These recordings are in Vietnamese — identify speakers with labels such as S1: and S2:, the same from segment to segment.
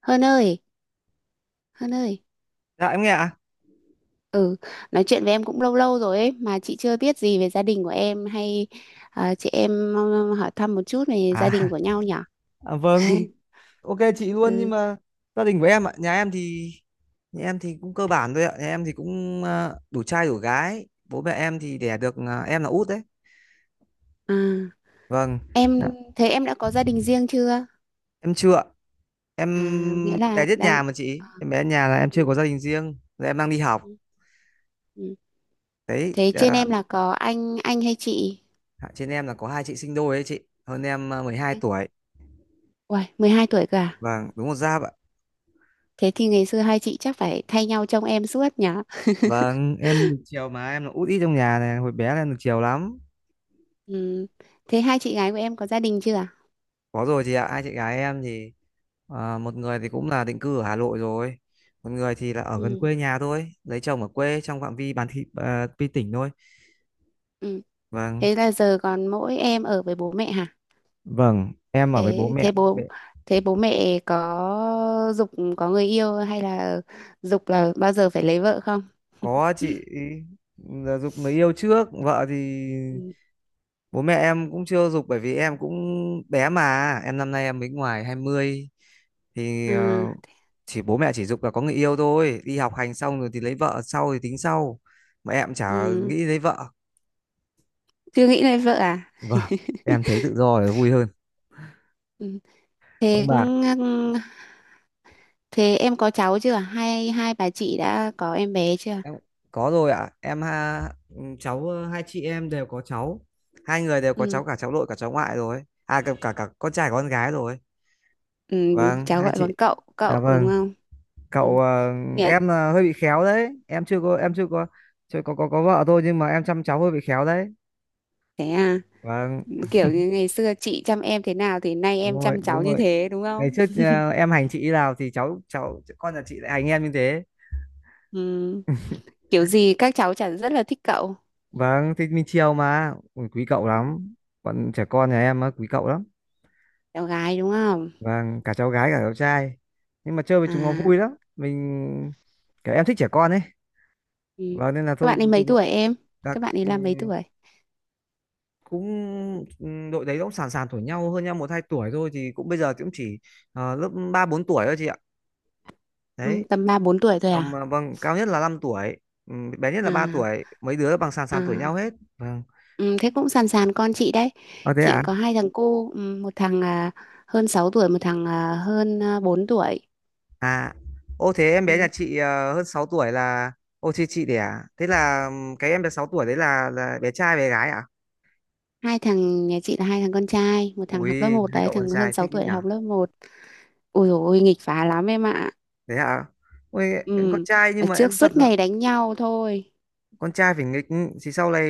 S1: Hơn ơi, hơn ơi,
S2: Dạ em nghe ạ.
S1: ừ, nói chuyện với em cũng lâu lâu rồi ấy, mà chị chưa biết gì về gia đình của em hay chị em hỏi thăm một chút về gia đình
S2: À,
S1: của nhau nhỉ?
S2: à vâng. Ok chị luôn nhưng
S1: Ừ,
S2: mà gia đình của em ạ, nhà em thì cũng cơ bản thôi ạ. Nhà em thì cũng đủ trai đủ gái. Bố mẹ em thì đẻ được em là út đấy.
S1: à,
S2: Vâng. Dạ.
S1: em thế em đã có gia đình riêng chưa?
S2: Em chưa ạ. Em
S1: À, nghĩa
S2: bé
S1: là
S2: nhất
S1: đang
S2: nhà mà chị.
S1: ờ,
S2: Em bé nhà là em chưa
S1: ừ,
S2: có gia đình riêng. Rồi em đang đi học.
S1: ừ, ừ.
S2: Đấy,
S1: Thế trên
S2: dạ.
S1: em là có anh hay chị?
S2: Trên em là có hai chị sinh đôi đấy chị. Hơn em 12
S1: Anh-
S2: tuổi.
S1: Uầy, 12 tuổi cơ à?
S2: Vâng, đúng một giáp ạ.
S1: Thế thì ngày xưa hai chị chắc phải thay nhau trông em suốt nhỉ?
S2: Vâng, em được chiều mà em là út ít trong nhà này, hồi bé là em được chiều lắm.
S1: Ừ. Thế hai chị gái của em có gia đình chưa?
S2: Có rồi chị ạ, hai chị gái em thì một người thì cũng là định cư ở Hà Nội rồi, một người thì là ở gần
S1: Ừ.
S2: quê nhà thôi, lấy chồng ở quê trong phạm vi bán thị à, pi tỉnh thôi.
S1: Ừ.
S2: Vâng.
S1: Thế là giờ còn mỗi em ở với bố mẹ hả?
S2: Vâng, em ở với bố
S1: Thế
S2: mẹ.
S1: thế bố mẹ có dục có người yêu hay là dục là bao giờ phải lấy vợ không?
S2: Có chị, là giục người yêu trước, vợ thì
S1: Ừ.
S2: bố mẹ em cũng chưa giục bởi vì em cũng bé mà, em năm nay em mới ngoài 20 thì
S1: Ừ.
S2: chỉ bố mẹ chỉ giục là có người yêu thôi, đi học hành xong rồi thì lấy vợ sau thì tính sau. Mà em chả
S1: Ừ.
S2: nghĩ lấy vợ.
S1: Chưa nghĩ lấy vợ à?
S2: Vâng, em thấy tự do là vui hơn.
S1: Ừ.
S2: Ông
S1: Thế
S2: bà,
S1: thế em có cháu chưa? Hai hai bà chị đã có em bé chưa?
S2: em có rồi ạ. Cháu hai chị em đều có cháu. Hai người đều có
S1: Ừ.
S2: cháu cả cháu nội cả cháu ngoại rồi. À cả cả, cả con trai con gái rồi.
S1: Ừ.
S2: Vâng,
S1: Cháu
S2: hai
S1: gọi
S2: chị.
S1: bằng cậu,
S2: Dạ
S1: cậu đúng
S2: vâng.
S1: không? Ừ.
S2: Cậu
S1: Dạ.
S2: em là hơi bị khéo đấy. Em chưa có chưa có có vợ thôi nhưng mà em chăm cháu hơi bị khéo đấy.
S1: Thế à,
S2: Vâng,
S1: kiểu như ngày xưa chị chăm em thế nào thì nay
S2: đúng
S1: em
S2: rồi,
S1: chăm
S2: đúng
S1: cháu như
S2: rồi.
S1: thế đúng
S2: Ngày
S1: không?
S2: trước em hành chị nào thì cháu cháu con nhà chị lại hành em như thế.
S1: Ừ. Kiểu gì các cháu chả rất là thích cậu.
S2: Vâng, thì mình chiều mà. Ui, quý cậu
S1: Ừ.
S2: lắm. Bọn trẻ con nhà em á, quý cậu lắm.
S1: Cháu gái đúng không?
S2: Vâng, cả cháu gái cả cháu trai. Nhưng mà chơi với
S1: À,
S2: chúng nó vui lắm. Mình kiểu em thích trẻ con ấy.
S1: ừ.
S2: Vâng nên là
S1: Các
S2: thôi
S1: bạn ấy mấy
S2: chúng nó
S1: tuổi em?
S2: các
S1: Các bạn ấy là mấy tuổi?
S2: cũng đội đấy cũng sàn sàn tuổi nhau hơn nhau một hai tuổi thôi thì cũng bây giờ cũng chỉ lớp ba bốn tuổi thôi chị ạ.
S1: Ừ,
S2: Đấy.
S1: tầm ba bốn tuổi thôi
S2: Còn
S1: à?
S2: mà vâng, cao nhất là 5 tuổi. Bé nhất là
S1: À,
S2: 3 tuổi, mấy đứa bằng sàn sàn tuổi
S1: à.
S2: nhau hết. Vâng.
S1: Ừ, thế cũng sàn sàn con chị đấy.
S2: Ờ thế
S1: Chị
S2: à?
S1: có hai thằng cu, ừ, một thằng hơn 6 tuổi, một thằng hơn 4 tuổi.
S2: À, ô thế em bé nhà
S1: Ừ.
S2: chị hơn 6 tuổi là ô chị đẻ. Thế là cái em bé 6 tuổi đấy là bé trai bé gái à?
S1: Hai thằng nhà chị là hai thằng con trai, một thằng học lớp
S2: Ui,
S1: một
S2: hai
S1: đấy,
S2: cậu con
S1: thằng hơn
S2: trai
S1: 6
S2: thích ý
S1: tuổi
S2: nhỉ?
S1: học lớp một. Ôi dồi ôi, nghịch phá lắm em ạ.
S2: Thế à? Ui, con
S1: Ừ.
S2: trai
S1: Ở
S2: nhưng mà
S1: trước
S2: em thật
S1: suốt
S2: là
S1: ngày đánh nhau thôi.
S2: con trai phải nghịch thì sau này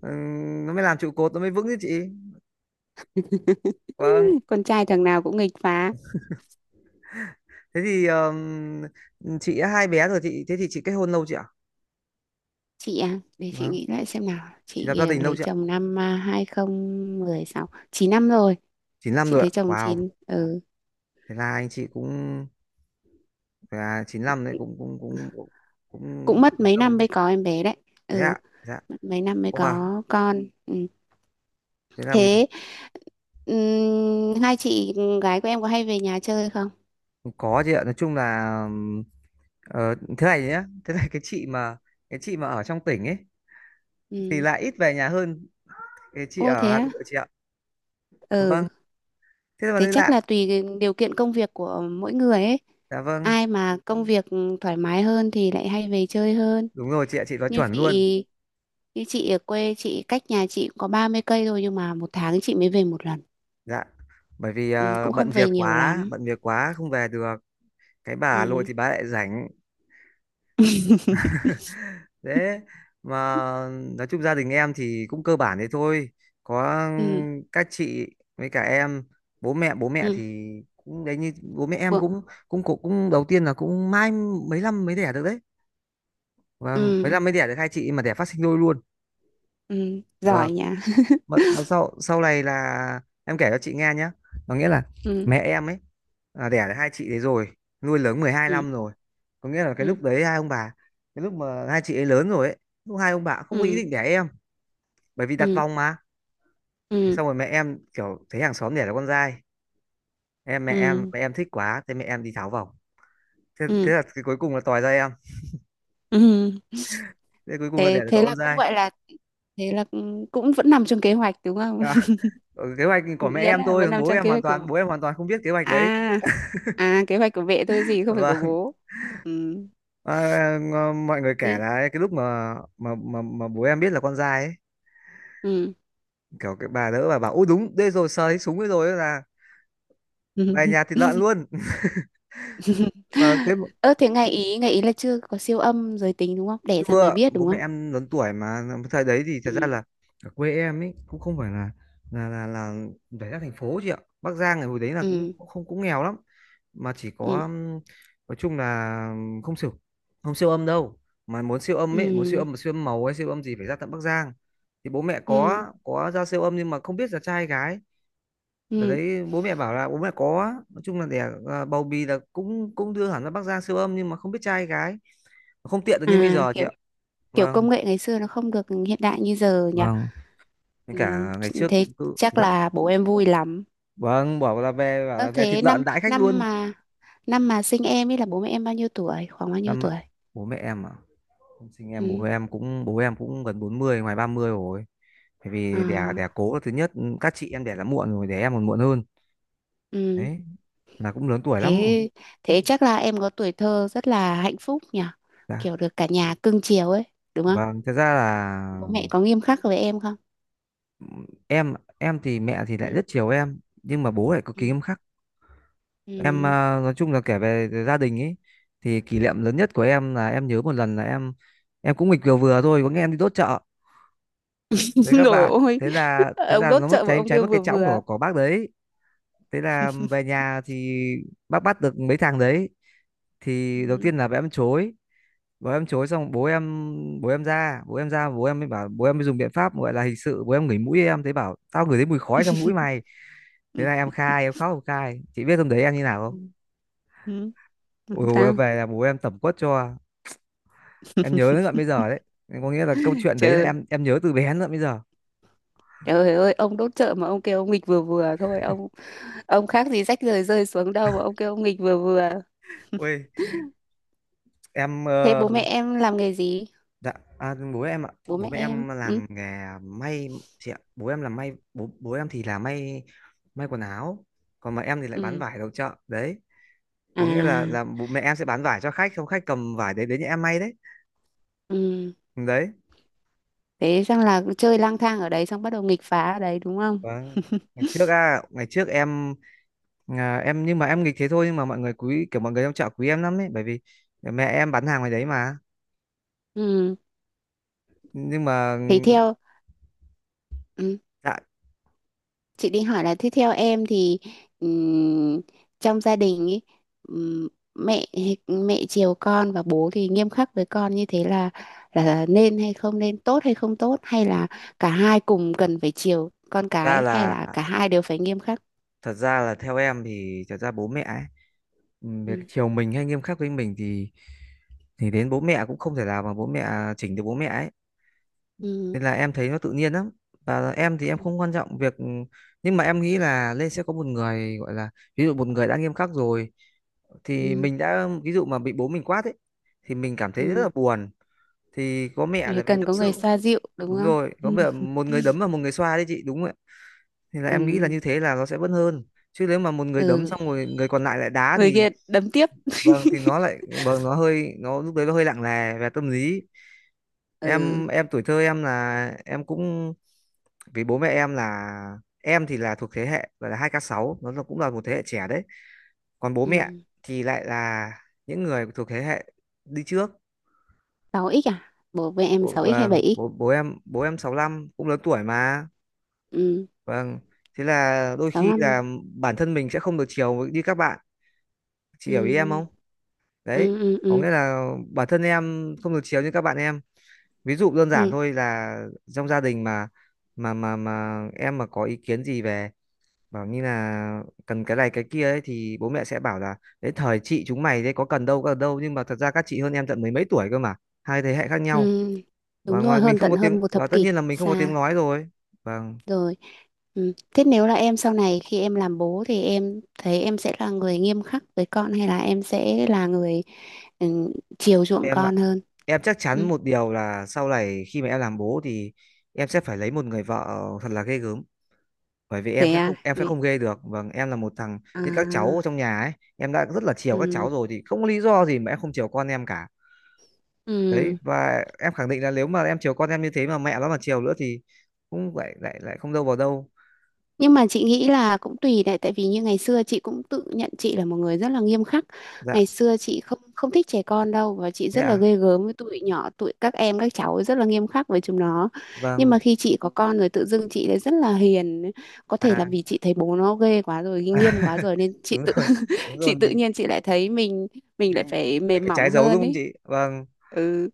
S2: nó mới làm trụ cột nó mới vững chứ chị. Vâng.
S1: Con trai thằng nào cũng nghịch phá.
S2: Thế thì chị đã hai bé rồi chị thế thì chị kết hôn lâu chị ạ?
S1: Chị à Để chị
S2: Vâng.
S1: nghĩ lại xem nào,
S2: Chị lập gia đình lâu
S1: lấy
S2: chị ạ?
S1: chồng năm hai không một sáu, 9 năm rồi.
S2: chín năm
S1: Chị
S2: rồi ạ.
S1: lấy chồng
S2: Wow.
S1: 9 ừ.
S2: Thế là anh chị cũng thế à, 95 đấy cũng cũng cũng cũng
S1: Cũng
S2: cũng
S1: mất
S2: cũng
S1: mấy
S2: lâu
S1: năm
S2: đấy.
S1: mới có em bé đấy.
S2: Thế
S1: Ừ,
S2: ạ. Dạ.
S1: mất mấy năm mới
S2: Wow,
S1: có con ừ.
S2: thế là
S1: Thế hai chị gái của em có hay về nhà chơi không?
S2: có chị ạ. Nói chung là thế này nhá, thế này cái chị mà ở trong tỉnh ấy thì
S1: Ừ.
S2: lại ít về nhà hơn cái chị
S1: Ô
S2: ở
S1: thế
S2: Hà
S1: á?
S2: Nội chị ạ.
S1: Ừ,
S2: Vâng, thế mà
S1: thế
S2: thấy
S1: chắc
S2: lạ.
S1: là tùy cái điều kiện công việc của mỗi người ấy,
S2: Dạ vâng,
S1: ai mà công việc thoải mái hơn thì lại hay về chơi hơn.
S2: đúng rồi chị ạ, chị nói
S1: Như
S2: chuẩn luôn.
S1: chị. Như chị ở quê, chị cách nhà chị cũng có 30 cây thôi nhưng mà một tháng chị mới về một lần.
S2: Dạ. Bởi vì
S1: Ừ, cũng không
S2: bận
S1: về
S2: việc
S1: nhiều
S2: quá,
S1: lắm.
S2: bận việc quá không về được. Cái bà Hà Nội
S1: Ừ.
S2: thì bà lại rảnh. Thế mà nói chung gia đình em thì cũng cơ bản thế thôi. Có
S1: ừ,
S2: các chị với cả em, bố mẹ
S1: ừ,
S2: thì cũng đấy như bố mẹ em
S1: bu-
S2: cũng cũng đầu tiên là cũng mãi mấy năm mới đẻ được đấy. Vâng, mấy
S1: ừ,
S2: năm mới đẻ được hai chị mà đẻ phát sinh đôi luôn.
S1: ừ, giỏi
S2: Vâng,
S1: nha.
S2: mà sau sau này là em kể cho chị nghe nhé. Có nghĩa là
S1: Ừ,
S2: mẹ em ấy là đẻ được hai chị đấy rồi, nuôi lớn mười hai
S1: ừ,
S2: năm rồi. Có nghĩa là cái
S1: ừ,
S2: lúc đấy hai ông bà cái lúc mà hai chị ấy lớn rồi ấy, lúc hai ông bà cũng không có ý
S1: ừ,
S2: định đẻ em bởi vì đặt
S1: ừ,
S2: vòng mà. Thế
S1: ừ,
S2: xong rồi mẹ em kiểu thấy hàng xóm đẻ là con trai em mẹ em
S1: ừ,
S2: mẹ em thích quá thế mẹ em đi tháo vòng, thế
S1: ừ,
S2: là cái cuối cùng là tòi ra em,
S1: ừ.
S2: thế cuối cùng là
S1: Thế
S2: đẻ được
S1: thế
S2: cậu con
S1: là cũng
S2: trai.
S1: gọi là thế là cũng cũng vẫn nằm trong kế hoạch đúng không?
S2: À, ừ, kế hoạch của mẹ
S1: Nghĩa
S2: em
S1: là
S2: thôi
S1: vẫn
S2: còn
S1: nằm
S2: bố
S1: trong
S2: em
S1: kế
S2: hoàn
S1: hoạch
S2: toàn
S1: của
S2: bố em hoàn toàn không biết kế hoạch đấy
S1: à kế hoạch của mẹ thôi gì không phải của
S2: và
S1: bố. Ừ.
S2: mọi người kể
S1: Thế.
S2: là cái lúc mà bố em biết là con trai ấy,
S1: Ừ.
S2: kiểu cái bà đỡ bà bảo ôi đúng đây rồi sờ thấy súng ấy rồi là về nhà thịt lợn luôn mà thế
S1: Ơ thế ngày ý là chưa có siêu âm giới tính đúng không? Đẻ ra mới
S2: chưa,
S1: biết
S2: bố
S1: đúng
S2: mẹ
S1: không?
S2: em lớn tuổi mà, thời đấy thì thật ra
S1: ừ.
S2: là ở quê em ấy cũng không phải là là là là phải ra thành phố chị ạ. Bắc Giang ngày hồi đấy là cũng
S1: Ừ
S2: cũng không cũng nghèo lắm mà chỉ có
S1: ừ
S2: nói chung là không siêu không siêu âm đâu, mà muốn siêu âm
S1: ừ
S2: ấy muốn siêu âm mà siêu âm màu hay siêu âm gì phải ra tận Bắc Giang thì bố mẹ
S1: ừ
S2: có ra siêu âm nhưng mà không biết là trai hay gái. Ở
S1: ừ.
S2: đấy bố mẹ bảo là bố mẹ có nói chung là đẻ bầu bì là cũng cũng đưa hẳn ra Bắc Giang siêu âm nhưng mà không biết trai hay gái, không tiện được như bây
S1: À
S2: giờ chị
S1: kiểu
S2: ạ.
S1: kiểu
S2: Vâng.
S1: công nghệ ngày xưa nó không được hiện đại như giờ nhỉ.
S2: Vâng với
S1: Ừ,
S2: cả ngày trước
S1: thế
S2: cứ
S1: chắc
S2: dạ
S1: là bố em vui lắm.
S2: vâng, bảo là về
S1: Ơ
S2: thịt
S1: thế
S2: lợn
S1: năm
S2: đãi khách luôn.
S1: năm mà sinh em ấy là bố mẹ em bao nhiêu tuổi? Khoảng bao nhiêu
S2: Năm ạ?
S1: tuổi?
S2: Bố mẹ em à, không sinh em bố
S1: Ừ.
S2: mẹ em cũng bố em cũng gần 40 ngoài 30 rồi bởi vì đẻ đẻ
S1: À,
S2: cố là thứ nhất, các chị em đẻ là muộn rồi đẻ em còn muộn hơn.
S1: ừ.
S2: Đấy là cũng lớn tuổi lắm rồi.
S1: Thế thế chắc là em có tuổi thơ rất là hạnh phúc nhỉ.
S2: Dạ
S1: Kiểu được cả nhà cưng chiều ấy, đúng không?
S2: vâng, thật ra
S1: Bố
S2: là
S1: mẹ có nghiêm khắc với em không?
S2: em. Em thì mẹ thì lại
S1: Ừ.
S2: rất chiều em nhưng mà bố lại cực kỳ
S1: Ừ.
S2: nghiêm khắc. Em
S1: Ừ.
S2: nói chung là kể về gia đình ấy thì kỷ niệm lớn nhất của em là em nhớ một lần là em cũng nghịch vừa vừa thôi có nghe em đi đốt chợ đấy các
S1: Rồi
S2: bạn.
S1: ôi,
S2: thế là thế
S1: ông
S2: là
S1: đốt
S2: nó mất
S1: chợ mà
S2: cháy
S1: ông
S2: cháy
S1: kêu
S2: mất cái
S1: vừa
S2: chõng của
S1: vừa.
S2: bác đấy. Thế là về nhà thì bác bắt được mấy thằng đấy thì đầu
S1: Ừ.
S2: tiên là bố em chối, bố em chối xong bố em ra bố em ra bố em mới bảo, bố em mới dùng biện pháp gọi là hình sự, bố em ngửi mũi em thấy bảo tao ngửi thấy mùi khói trong mũi mày. Thế là em khai, em khóc em khai, chị biết hôm đấy em như nào không?
S1: Ừ, ừ,
S2: Ôi
S1: làm
S2: dồi, em
S1: sao?
S2: về là bố em tẩm quất cho, em nhớ đến tận bây giờ đấy. Có nghĩa là câu chuyện đấy là
S1: Trời. Ừ.
S2: em nhớ từ bé đến tận bây giờ.
S1: Trời ơi, ông đốt chợ mà ông kêu ông nghịch vừa vừa thôi ông khác gì rách rời rơi xuống đâu mà ông kêu ông nghịch vừa vừa.
S2: Ui em
S1: Thế bố mẹ em làm nghề gì?
S2: dạ, bố em ạ,
S1: Bố
S2: bố
S1: mẹ
S2: mẹ
S1: em
S2: em
S1: ừ.
S2: làm nghề may chị ạ. Bố em làm may, bố bố em thì là may, may quần áo, còn mà em thì lại bán
S1: Ừ.
S2: vải đầu chợ. Đấy,
S1: À
S2: có nghĩa là bố mẹ em sẽ bán vải cho khách, không khách cầm vải đấy đến nhà em may đấy.
S1: ừ.
S2: Đấy.
S1: Thế xong là chơi lang thang ở đấy xong bắt đầu nghịch phá ở đấy đúng không?
S2: Vâng. Ngày trước em em nhưng mà em nghịch thế thôi nhưng mà mọi người quý kiểu mọi người trong chợ quý em lắm đấy, bởi vì mẹ em bán hàng ngoài đấy mà.
S1: Ừ.
S2: Nhưng mà
S1: thế theo Ừ,
S2: dạ,
S1: chị định hỏi là thế theo em thì ừm, trong gia đình ý, ừm, mẹ mẹ chiều con và bố thì nghiêm khắc với con như thế là nên hay không nên, tốt hay không tốt, hay là cả hai cùng cần phải chiều con
S2: thật ra
S1: cái hay
S2: là
S1: là cả hai đều phải nghiêm khắc?
S2: thật ra là theo em thì thật ra bố mẹ ấy, việc
S1: Ừ.
S2: chiều mình hay nghiêm khắc với mình thì đến bố mẹ cũng không thể nào mà bố mẹ chỉnh được bố mẹ ấy,
S1: Ừ.
S2: nên là em thấy nó tự nhiên lắm. Và em thì em
S1: Ừ.
S2: không quan trọng việc, nhưng mà em nghĩ là lên sẽ có một người gọi là, ví dụ một người đã nghiêm khắc rồi, thì
S1: Ừ.
S2: mình đã ví dụ mà bị bố mình quát ấy thì mình cảm thấy rất là
S1: Ừ.
S2: buồn, thì có mẹ là
S1: Phải
S2: mình
S1: cần
S2: tâm
S1: có người
S2: sự.
S1: xoa dịu đúng
S2: Đúng
S1: không?
S2: rồi, có mẹ,
S1: Ừ.
S2: một người đấm và một người xoa đấy chị, đúng rồi. Thì là em nghĩ là
S1: Ừ.
S2: như thế là nó sẽ vẫn hơn, chứ nếu mà một người đấm
S1: Ừ.
S2: xong rồi người còn lại lại đá
S1: Người
S2: thì,
S1: kia đấm tiếp.
S2: vâng thì nó lại, vâng nó hơi, nó lúc đấy nó hơi lặng lè về tâm lý.
S1: Ừ.
S2: Em tuổi thơ em là em cũng, vì bố mẹ em là, em thì là thuộc thế hệ gọi là hai k sáu, nó là- cũng là một thế hệ trẻ đấy, còn bố mẹ
S1: Ừ.
S2: thì lại là những người thuộc thế hệ đi trước.
S1: 6x à? Bố với em
S2: Bố-
S1: 6x hay
S2: vâng
S1: 7x?
S2: bố bố em 65 cũng lớn tuổi mà.
S1: Ừ,
S2: Vâng, thế là đôi khi là
S1: 65.
S2: bản thân mình sẽ không được chiều với- như các bạn, chị hiểu ý em
S1: Ừ,
S2: không? Đấy,
S1: ừ, ừ,
S2: có
S1: ừ.
S2: nghĩa là bản thân em không được chiều như các bạn em. Ví dụ đơn giản
S1: Ừ.
S2: thôi là trong gia đình mà em mà có ý kiến gì về, bảo như là cần cái này cái kia ấy, thì bố mẹ sẽ bảo là đấy thời chị chúng mày đấy có cần đâu, nhưng mà thật ra các chị hơn em tận mấy mấy tuổi cơ mà, hai thế hệ khác nhau.
S1: Ừ. Đúng
S2: Và
S1: rồi,
S2: ngoài mình
S1: hơn
S2: không
S1: tận
S2: có tiếng,
S1: hơn một
S2: và
S1: thập
S2: tất
S1: kỷ
S2: nhiên là mình không có tiếng
S1: xa
S2: nói rồi. Vâng,
S1: rồi. Ừ. Thế nếu là em sau này khi em làm bố thì em thấy em sẽ là người nghiêm khắc với con hay là em sẽ là người ừ, chiều chuộng
S2: em ạ,
S1: con hơn?
S2: em chắc chắn
S1: Ừ.
S2: một điều là sau này khi mà em làm bố thì em sẽ phải lấy một người vợ thật là ghê gớm, bởi vì em
S1: Thế
S2: sẽ
S1: à?
S2: không em sẽ không ghê được. Vâng, em là một thằng
S1: À,
S2: như các cháu trong nhà ấy, em đã rất là chiều các
S1: ừ,
S2: cháu rồi thì không có lý do gì mà em không chiều con em cả. Đấy,
S1: ừ.
S2: và em khẳng định là nếu mà em chiều con em như thế mà mẹ nó mà chiều nữa thì cũng lại lại lại không đâu vào đâu.
S1: Nhưng mà chị nghĩ là cũng tùy đấy, tại vì như ngày xưa chị cũng tự nhận chị là một người rất là nghiêm khắc.
S2: Dạ,
S1: Ngày xưa chị không không thích trẻ con đâu và chị
S2: thế
S1: rất là
S2: à,
S1: ghê gớm với tụi nhỏ, tụi các em các cháu rất là nghiêm khắc với chúng nó. Nhưng
S2: vâng,
S1: mà khi chị có con rồi tự dưng chị lại rất là hiền. Có thể là
S2: à
S1: vì chị thấy bố nó ghê quá rồi, nghiêm quá rồi nên chị
S2: đúng
S1: tự
S2: rồi, đúng rồi,
S1: chị tự
S2: mình
S1: nhiên chị lại thấy mình lại
S2: mình
S1: phải
S2: mình
S1: mềm
S2: phải trái
S1: mỏng
S2: dấu đúng
S1: hơn
S2: không
S1: ấy.
S2: chị, vâng.
S1: Ừ,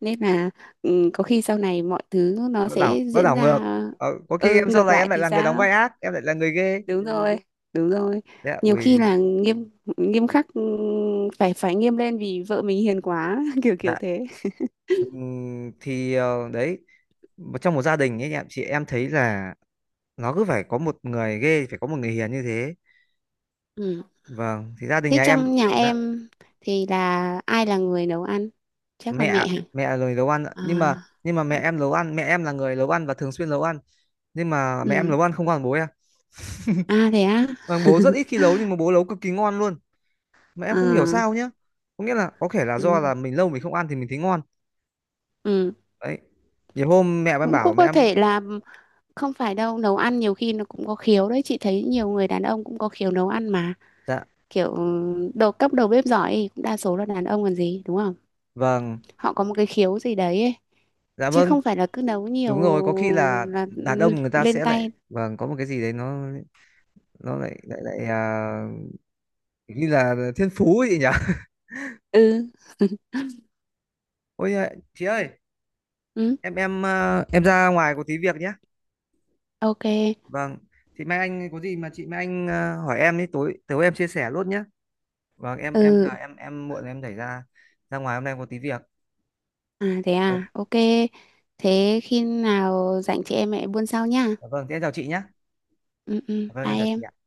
S1: nên là ừ, có khi sau này mọi thứ nó
S2: Nó đảo
S1: sẽ
S2: nó
S1: diễn
S2: đảo ngược.
S1: ra
S2: Ờ, có khi
S1: ừ
S2: em sau
S1: ngược
S2: này em
S1: lại
S2: lại
S1: thì
S2: là người đóng
S1: sao?
S2: vai ác, em lại là người ghê.
S1: Đúng rồi, đúng rồi,
S2: Dạ
S1: nhiều khi
S2: ui.
S1: là nghiêm nghiêm khắc, phải phải nghiêm lên vì vợ mình hiền quá kiểu kiểu
S2: Dạ,
S1: thế.
S2: Thì đấy, một- trong một gia đình ấy em, chị em thấy là nó cứ phải có một người ghê, phải có một người hiền như thế.
S1: Ừ.
S2: Vâng, thì gia đình
S1: Thế
S2: nhà em,
S1: trong nhà
S2: dạ,
S1: em thì là ai là người nấu ăn, chắc là
S2: mẹ,
S1: mẹ hả?
S2: mẹ là người nấu ăn ạ.
S1: À
S2: Nhưng mà, nhưng mà mẹ em nấu ăn, mẹ em là người nấu ăn và thường xuyên nấu ăn, nhưng mà mẹ em
S1: ừ.
S2: nấu ăn không còn bố em.
S1: À thế á.
S2: Vâng, bố rất ít khi nấu nhưng mà bố nấu cực kỳ ngon luôn mà em không hiểu sao
S1: À
S2: nhá. Có nghĩa là có thể là do
S1: ừ
S2: là mình lâu mình không ăn thì mình thấy ngon.
S1: ừ.
S2: Đấy, nhiều hôm mẹ em
S1: Cũng
S2: bảo
S1: cũng
S2: mẹ
S1: có
S2: em,
S1: thể là không phải đâu, nấu ăn nhiều khi nó cũng có khiếu đấy, chị thấy nhiều người đàn ông cũng có khiếu nấu ăn mà.
S2: dạ
S1: Kiểu ừ, đầu bếp giỏi thì cũng đa số là đàn ông còn gì đúng không?
S2: vâng,
S1: Họ có một cái khiếu gì đấy ấy.
S2: dạ
S1: Chứ
S2: vâng,
S1: không phải là cứ nấu nhiều
S2: đúng rồi, có khi là
S1: là
S2: đàn
S1: ừ,
S2: ông người ta
S1: lên
S2: sẽ lại,
S1: tay.
S2: vâng có một cái gì đấy nó lại lại lại như là thiên phú ấy nhỉ.
S1: Ừ.
S2: Ôi chị ơi,
S1: Ừ.
S2: em em ra ngoài có tí việc nhé.
S1: Ok.
S2: Vâng, thì mai anh có gì mà chị, mai anh hỏi em đi, tối tối em chia sẻ luôn nhé. Vâng, em
S1: Ừ.
S2: là em muộn rồi, em đẩy ra, ra ngoài hôm nay có tí việc.
S1: À thế
S2: Vâng,
S1: à, ok. Thế khi nào rảnh chị em mẹ buôn sau nha.
S2: vâng thế em chào chị nhé.
S1: Ừ ừ,
S2: Vâng
S1: bye
S2: em chào chị
S1: em.
S2: ạ.